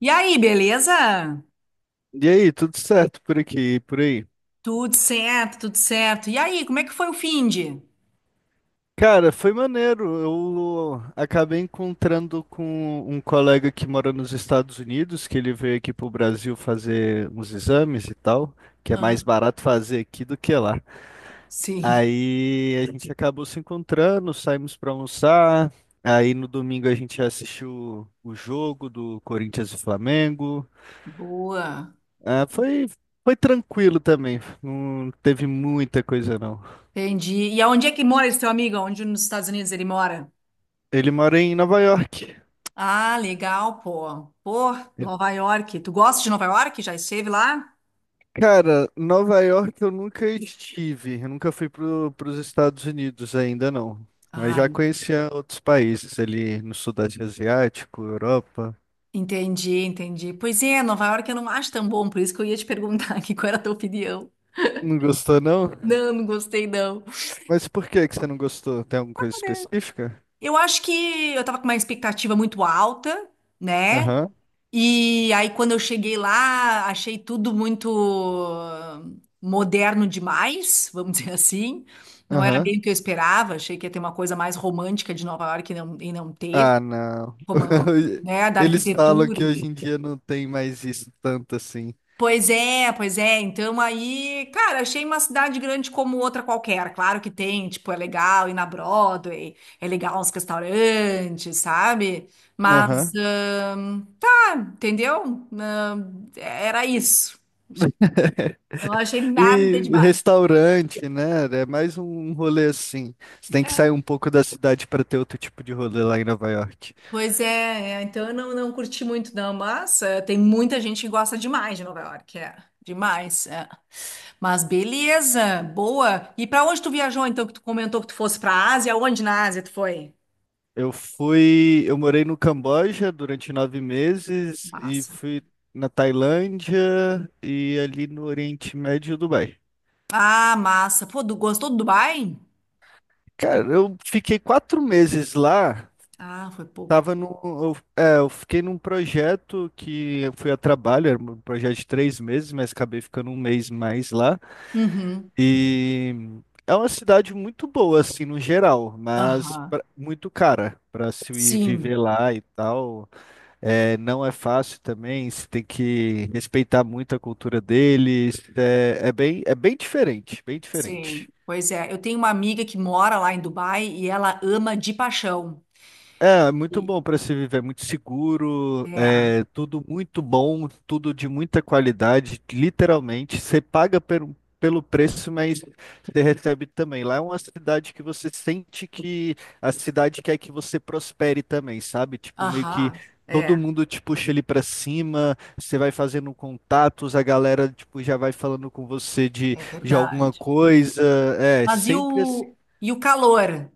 E aí, beleza? E aí, tudo certo por aqui, e por aí? Tudo certo, tudo certo. E aí, como é que foi o finde? Cara, foi maneiro. Eu acabei encontrando com um colega que mora nos Estados Unidos, que ele veio aqui pro Brasil fazer uns exames e tal, que é Ah, mais barato fazer aqui do que lá. sim. Aí a gente acabou se encontrando, saímos para almoçar. Aí no domingo a gente assistiu o jogo do Corinthians e Flamengo. Boa. Ah, foi tranquilo também, não teve muita coisa não. Entendi. E aonde é que mora esse teu amigo? Onde nos Estados Unidos ele mora? Ele mora em Nova York. Ah, legal, pô. Pô, Nova York. Tu gosta de Nova York? Já esteve lá? Cara, Nova York eu nunca estive, eu nunca fui para os Estados Unidos ainda não, mas Ah, já conhecia outros países ali no Sudeste Asiático, Europa. entendi, entendi. Pois é, Nova York eu não acho tão bom, por isso que eu ia te perguntar aqui qual era a tua opinião. Não gostou não? Não, não gostei, não. Mas por que que você não gostou? Tem alguma coisa específica? Eu acho que eu tava com uma expectativa muito alta, né? Aham, E aí, quando eu cheguei lá, achei tudo muito moderno demais, vamos dizer assim. Não era aham. bem o que eu esperava, achei que ia ter uma coisa mais romântica de Nova York e não teve, Ah, não. como, né, da Eles falam arquitetura. que hoje em dia não tem mais isso tanto assim. Pois é, pois é. Então aí, cara, achei uma cidade grande como outra qualquer. Claro que tem, tipo, é legal ir na Broadway, é legal uns restaurantes, sabe? Mas Aham. entendeu? Não, era isso. Tipo, não achei nada E demais. restaurante, né? É mais um rolê assim. Você tem que sair um pouco da cidade para ter outro tipo de rolê lá em Nova York. Pois é, é, então eu não curti muito não, mas é, tem muita gente que gosta demais de Nova York, é. Demais, é. Mas beleza, boa. E pra onde tu viajou então que tu comentou que tu fosse pra Ásia? Onde na Ásia tu foi? Eu morei no Camboja durante 9 meses e Massa. fui na Tailândia e ali no Oriente Médio e Dubai. Ah, massa. Pô, gostou do Dubai? Cara, eu fiquei 4 meses lá. Ah, foi pouco. Tava no, eu, é, eu fiquei num projeto que eu fui a trabalho, era um projeto de 3 meses, mas acabei ficando um mês mais lá. Uhum. E é uma cidade muito boa, assim, no geral, mas Aham. Muito cara para se Sim. viver lá e tal. É, não é fácil também, você tem que respeitar muito a cultura deles. É bem diferente, bem Sim, diferente. pois é. Eu tenho uma amiga que mora lá em Dubai e ela ama de paixão. É, muito E- bom para se viver, muito seguro, é, é tudo muito bom, tudo de muita qualidade, literalmente. Você paga pelo preço, mas você recebe também. Lá é uma cidade que você sente que a cidade quer que você prospere também, sabe? Tipo, meio que aham, é, todo mundo te puxa ali para cima, você vai fazendo contatos, a galera tipo já vai falando com você de, é de alguma verdade. coisa. É, Mas e sempre o, e o calor?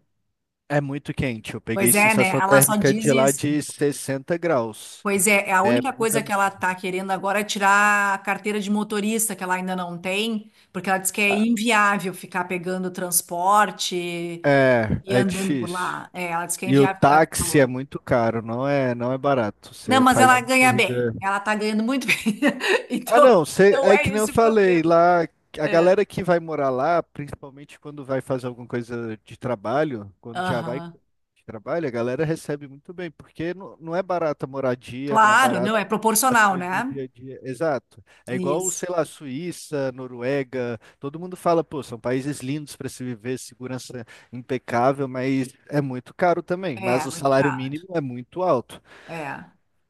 é muito quente. Eu peguei Pois é, né? sensação Ela só térmica diz de lá isso. de 60 graus. Pois é, é a É única muito coisa que ela absurdo. tá querendo agora é tirar a carteira de motorista, que ela ainda não tem, porque ela diz que é Ah, inviável ficar pegando transporte É, e é andando por difícil. lá. É, ela diz que é E o inviável ficar táxi é calor. muito caro, não é, não é barato. Não, Você mas faz ela uma ganha bem. corrida. Ela tá ganhando muito bem. Ah, Então, não, não é que é nem eu esse o problema. falei lá, a É. galera que vai morar lá, principalmente quando vai fazer alguma coisa de trabalho, quando já vai Aham. que trabalha, a galera recebe muito bem, porque não, não é barata a moradia, não é Claro, barato não, é as proporcional, né? coisas do dia a dia. Exato. É igual, Isso. sei lá, Suíça, Noruega, todo mundo fala, pô, são países lindos para se viver, segurança impecável, mas é muito caro também. Mas É, o muito salário caro. mínimo é muito alto. É.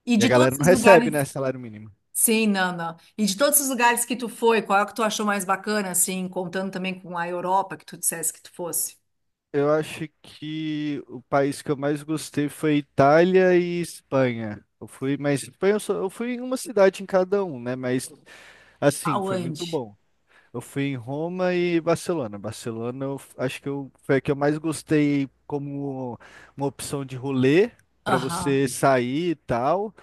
E E a de galera todos não os recebe, lugares. né, salário mínimo. Sim, não, não. E de todos os lugares que tu foi, qual é o que tu achou mais bacana, assim, contando também com a Europa, que tu dissesse que tu fosse? Eu acho que o país que eu mais gostei foi Itália e Espanha. Eu fui, mas Espanha eu, só, eu fui em uma cidade em cada um, né? Mas assim, foi muito Aonde? bom. Eu fui em Roma e Barcelona. Barcelona, acho que foi a que eu mais gostei como uma opção de rolê para Aham. você sair e tal.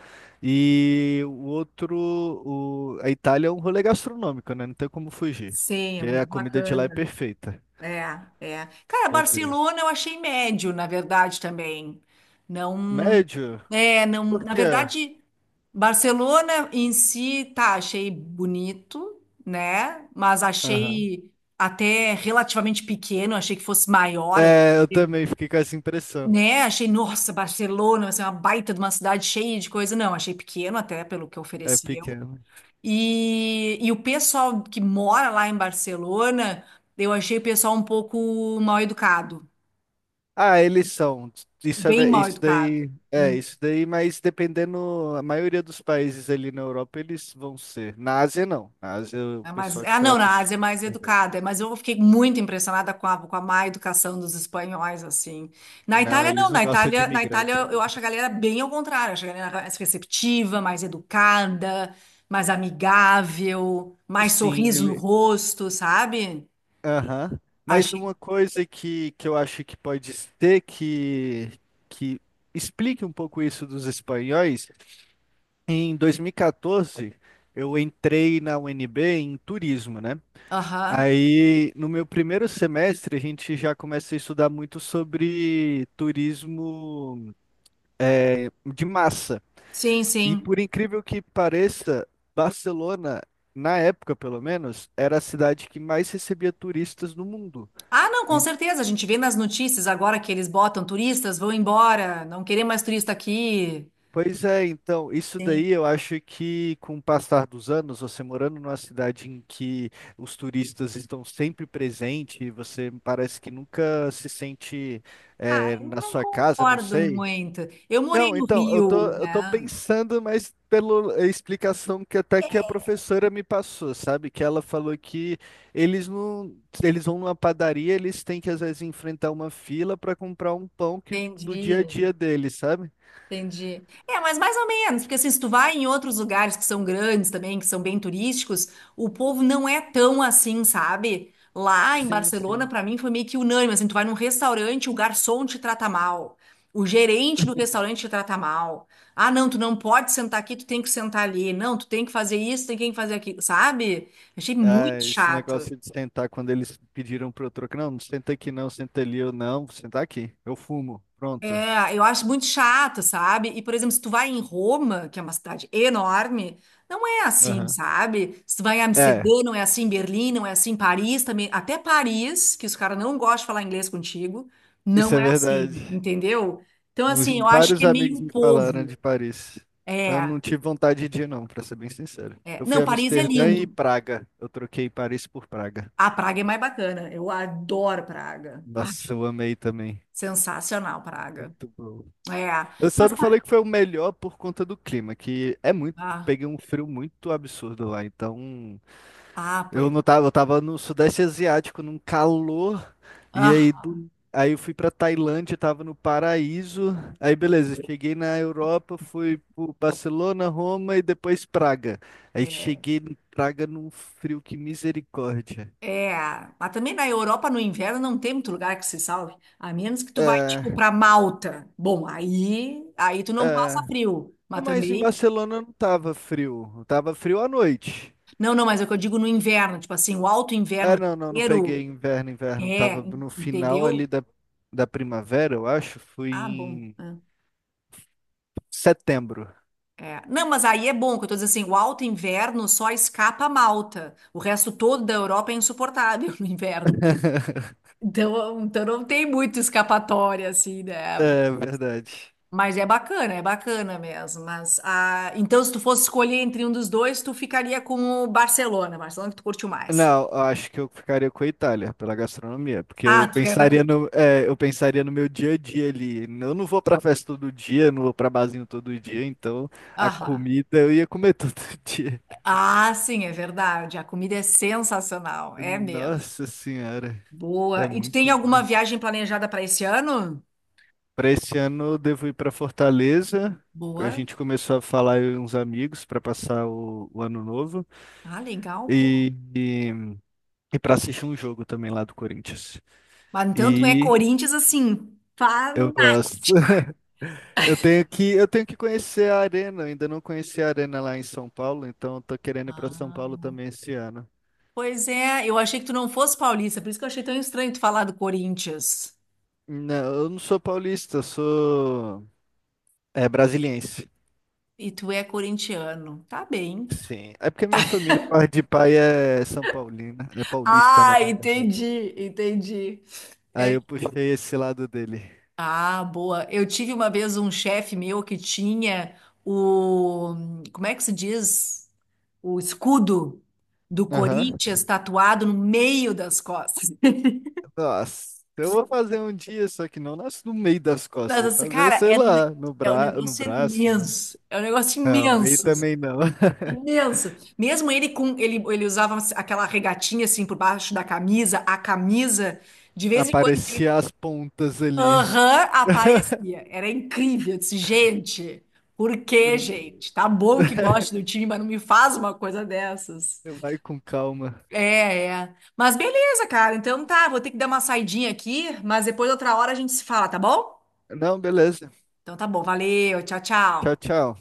E o outro, a Itália é um rolê gastronômico, né? Não tem como fugir, Sim, é porque a muito comida de lá é bacana. perfeita. É, é. Cara, Meu Deus. Barcelona eu achei médio, na verdade, também. Não. Médio? É, não, Por na quê? verdade, Barcelona em si, tá, achei bonito, né? Mas Aham. achei até relativamente pequeno, achei que fosse maior, É, eu achei- também fiquei com essa impressão. né? Achei, nossa, Barcelona, vai ser uma baita de uma cidade cheia de coisa. Não, achei pequeno até pelo que É ofereceu. pequeno. E o pessoal que mora lá em Barcelona, eu achei o pessoal um pouco mal educado, Ah, eles são. Isso, é, bem mal isso educado. daí. É, isso daí, mas dependendo. A maioria dos países ali na Europa, eles vão ser. Na Ásia, não. Na Ásia, o É mais... pessoal te Ah, não, trata. na Ásia é mais Super bem. educada, é, mas eu fiquei muito impressionada com a má educação dos espanhóis, assim. Na Não, Itália, não, eles não na gostam de Itália, na Itália imigrante. eu acho a galera bem ao contrário, acho a galera mais receptiva, mais educada, mais amigável, mais Sim, sorriso no ele. rosto, sabe? Aham. Mas Achei. uma coisa que eu acho que pode ser que explique um pouco isso dos espanhóis. Em 2014, eu entrei na UNB em turismo, né? Aham. Aí, no meu primeiro semestre, a gente já começa a estudar muito sobre turismo, eh, de massa. Sim, E sim. por incrível que pareça, Barcelona, na época pelo menos, era a cidade que mais recebia turistas no mundo. Ah, não, com En- certeza, a gente vê nas notícias agora que eles botam turistas, vão embora, não querer mais turista aqui. Pois é, então, isso daí eu acho que com o passar dos anos, você morando numa cidade em que os turistas estão sempre presentes, você parece que nunca se sente, Ah, eh, eu na não sua casa, não concordo sei. muito. Eu morei Não, no então, eu tô, Rio, eu tô né? pensando, mas pela explicação que até que a professora me passou, sabe? Que ela falou que eles não, eles vão numa padaria, eles têm que às vezes enfrentar uma fila para comprar um pão que do dia a Entendi, dia deles, sabe? entendi. É, mas mais ou menos, porque assim, se tu vai em outros lugares que são grandes também, que são bem turísticos, o povo não é tão assim, sabe? Lá em Sim, Barcelona, sim. pra mim, foi meio que unânime, assim, tu vai num restaurante, o garçom te trata mal, o gerente do restaurante te trata mal. Ah, não, tu não pode sentar aqui, tu tem que sentar ali. Não, tu tem que fazer isso, tem que fazer aquilo, sabe? Achei Ah, muito esse chato. negócio de sentar quando eles pediram pro troco, não, não senta aqui não, senta ali, eu não, vou sentar aqui, eu fumo, pronto. É, eu acho muito chato, sabe? E, por exemplo, se tu vai em Roma, que é uma cidade enorme, não é assim, Aham. sabe? Se tu vai em É, Amsterdã, não é assim, Berlim, não é assim, Paris também, até Paris, que os caras não gostam de falar inglês contigo, isso não é é assim, verdade. entendeu? Então, assim, eu acho que Vários é meio amigos o me falaram povo. de Paris. Eu É, não tive vontade de ir, não, pra ser bem sincero. é. Eu fui Não, a Paris é Amsterdã e lindo. Praga. Eu troquei Paris por Praga. A Praga é mais bacana. Eu adoro Praga. Ah, Nossa, eu amei também. sensacional, Praga. Muito bom. É. Eu só Mas, não falei que foi o melhor por conta do clima, que é muito. ah, Peguei um frio muito absurdo lá. Então, ah, eu pois. não tava, eu tava no Sudeste Asiático, num calor. E aí, Ah, aí eu fui pra Tailândia, tava no paraíso. Aí beleza, cheguei na Europa, fui pro Barcelona, Roma e depois Praga. Aí é. cheguei em Praga num frio que misericórdia. É, mas também na Europa no inverno não tem muito lugar que se salve, a menos que tu vai tipo É, para Malta. Bom, aí, tu não passa é. frio, mas Não, mas em também Barcelona não tava frio, tava frio à noite. não, não, mas é o que eu digo no inverno, tipo assim, o alto inverno, É, não, não, não peguei janeiro, inverno, inverno. Tava é, no final entendeu? ali da primavera, eu acho. Fui Ah, bom. em setembro. É. Não, mas aí é bom, que eu tô dizendo assim, o alto inverno só escapa a Malta. O resto todo da Europa é insuportável no inverno. Então, não tem muito escapatória assim, né? É, verdade. Mas é bacana mesmo. Mas, ah, então, se tu fosse escolher entre um dos dois, tu ficaria com o Barcelona, Barcelona que tu curtiu mais. Não, eu acho que eu ficaria com a Itália pela gastronomia, porque Ah, eu tu ficaria com a... pensaria no, é, eu pensaria no meu dia a dia ali. Eu não vou pra festa todo dia, não vou pra barzinho todo dia, então a Aham. comida eu ia comer todo dia. Ah, sim, é verdade. A comida é sensacional, é mesmo. Nossa senhora, é Boa. E tu tem muito alguma bom. viagem planejada para esse ano? Para esse ano eu devo ir para Fortaleza. A Boa. gente começou a falar eu e uns amigos para passar o ano novo Ah, legal, pô. e, e, e para assistir um jogo também lá do Corinthians. Mas então tu é E Corinthians assim, eu fanático. gosto. Eu tenho que conhecer a arena. Eu ainda não conheci a arena lá em São Paulo, então eu tô querendo ir para São Paulo Ah. também esse ano. Pois é, eu achei que tu não fosse paulista, por isso que eu achei tão estranho tu falar do Corinthians. Não, eu não sou paulista, eu sou é brasiliense. E tu é corintiano. Tá bem. Sim, é porque minha família, parte de pai é São Paulina, é paulista, né? Ah, entendi, entendi. É. Aí eu puxei esse lado dele. Ah, boa. Eu tive uma vez um chefe meu que tinha o. Como é que se diz? O escudo do Aham. Corinthians tatuado no meio das costas. Nossa, eu vou fazer um dia, só que não nasce no meio das Mas, costas, vou assim, fazer, cara, sei lá, no é um no negócio braço, né? imenso. É um negócio Não, aí imenso. também não. Imenso. Mesmo ele com ele, ele usava assim, aquela regatinha assim por baixo da camisa, a camisa. De vez em quando. Aparecia as pontas ali. Aham, aparecia. Era incrível. Eu disse, gente, por que, gente? Tá bom que goste do time, mas não me faz uma coisa dessas. Vai com calma. É, é. Mas beleza, cara. Então tá, vou ter que dar uma saidinha aqui, mas depois outra hora a gente se fala, tá bom? Não, beleza. Então tá bom, valeu, tchau, Tchau, tchau. tchau.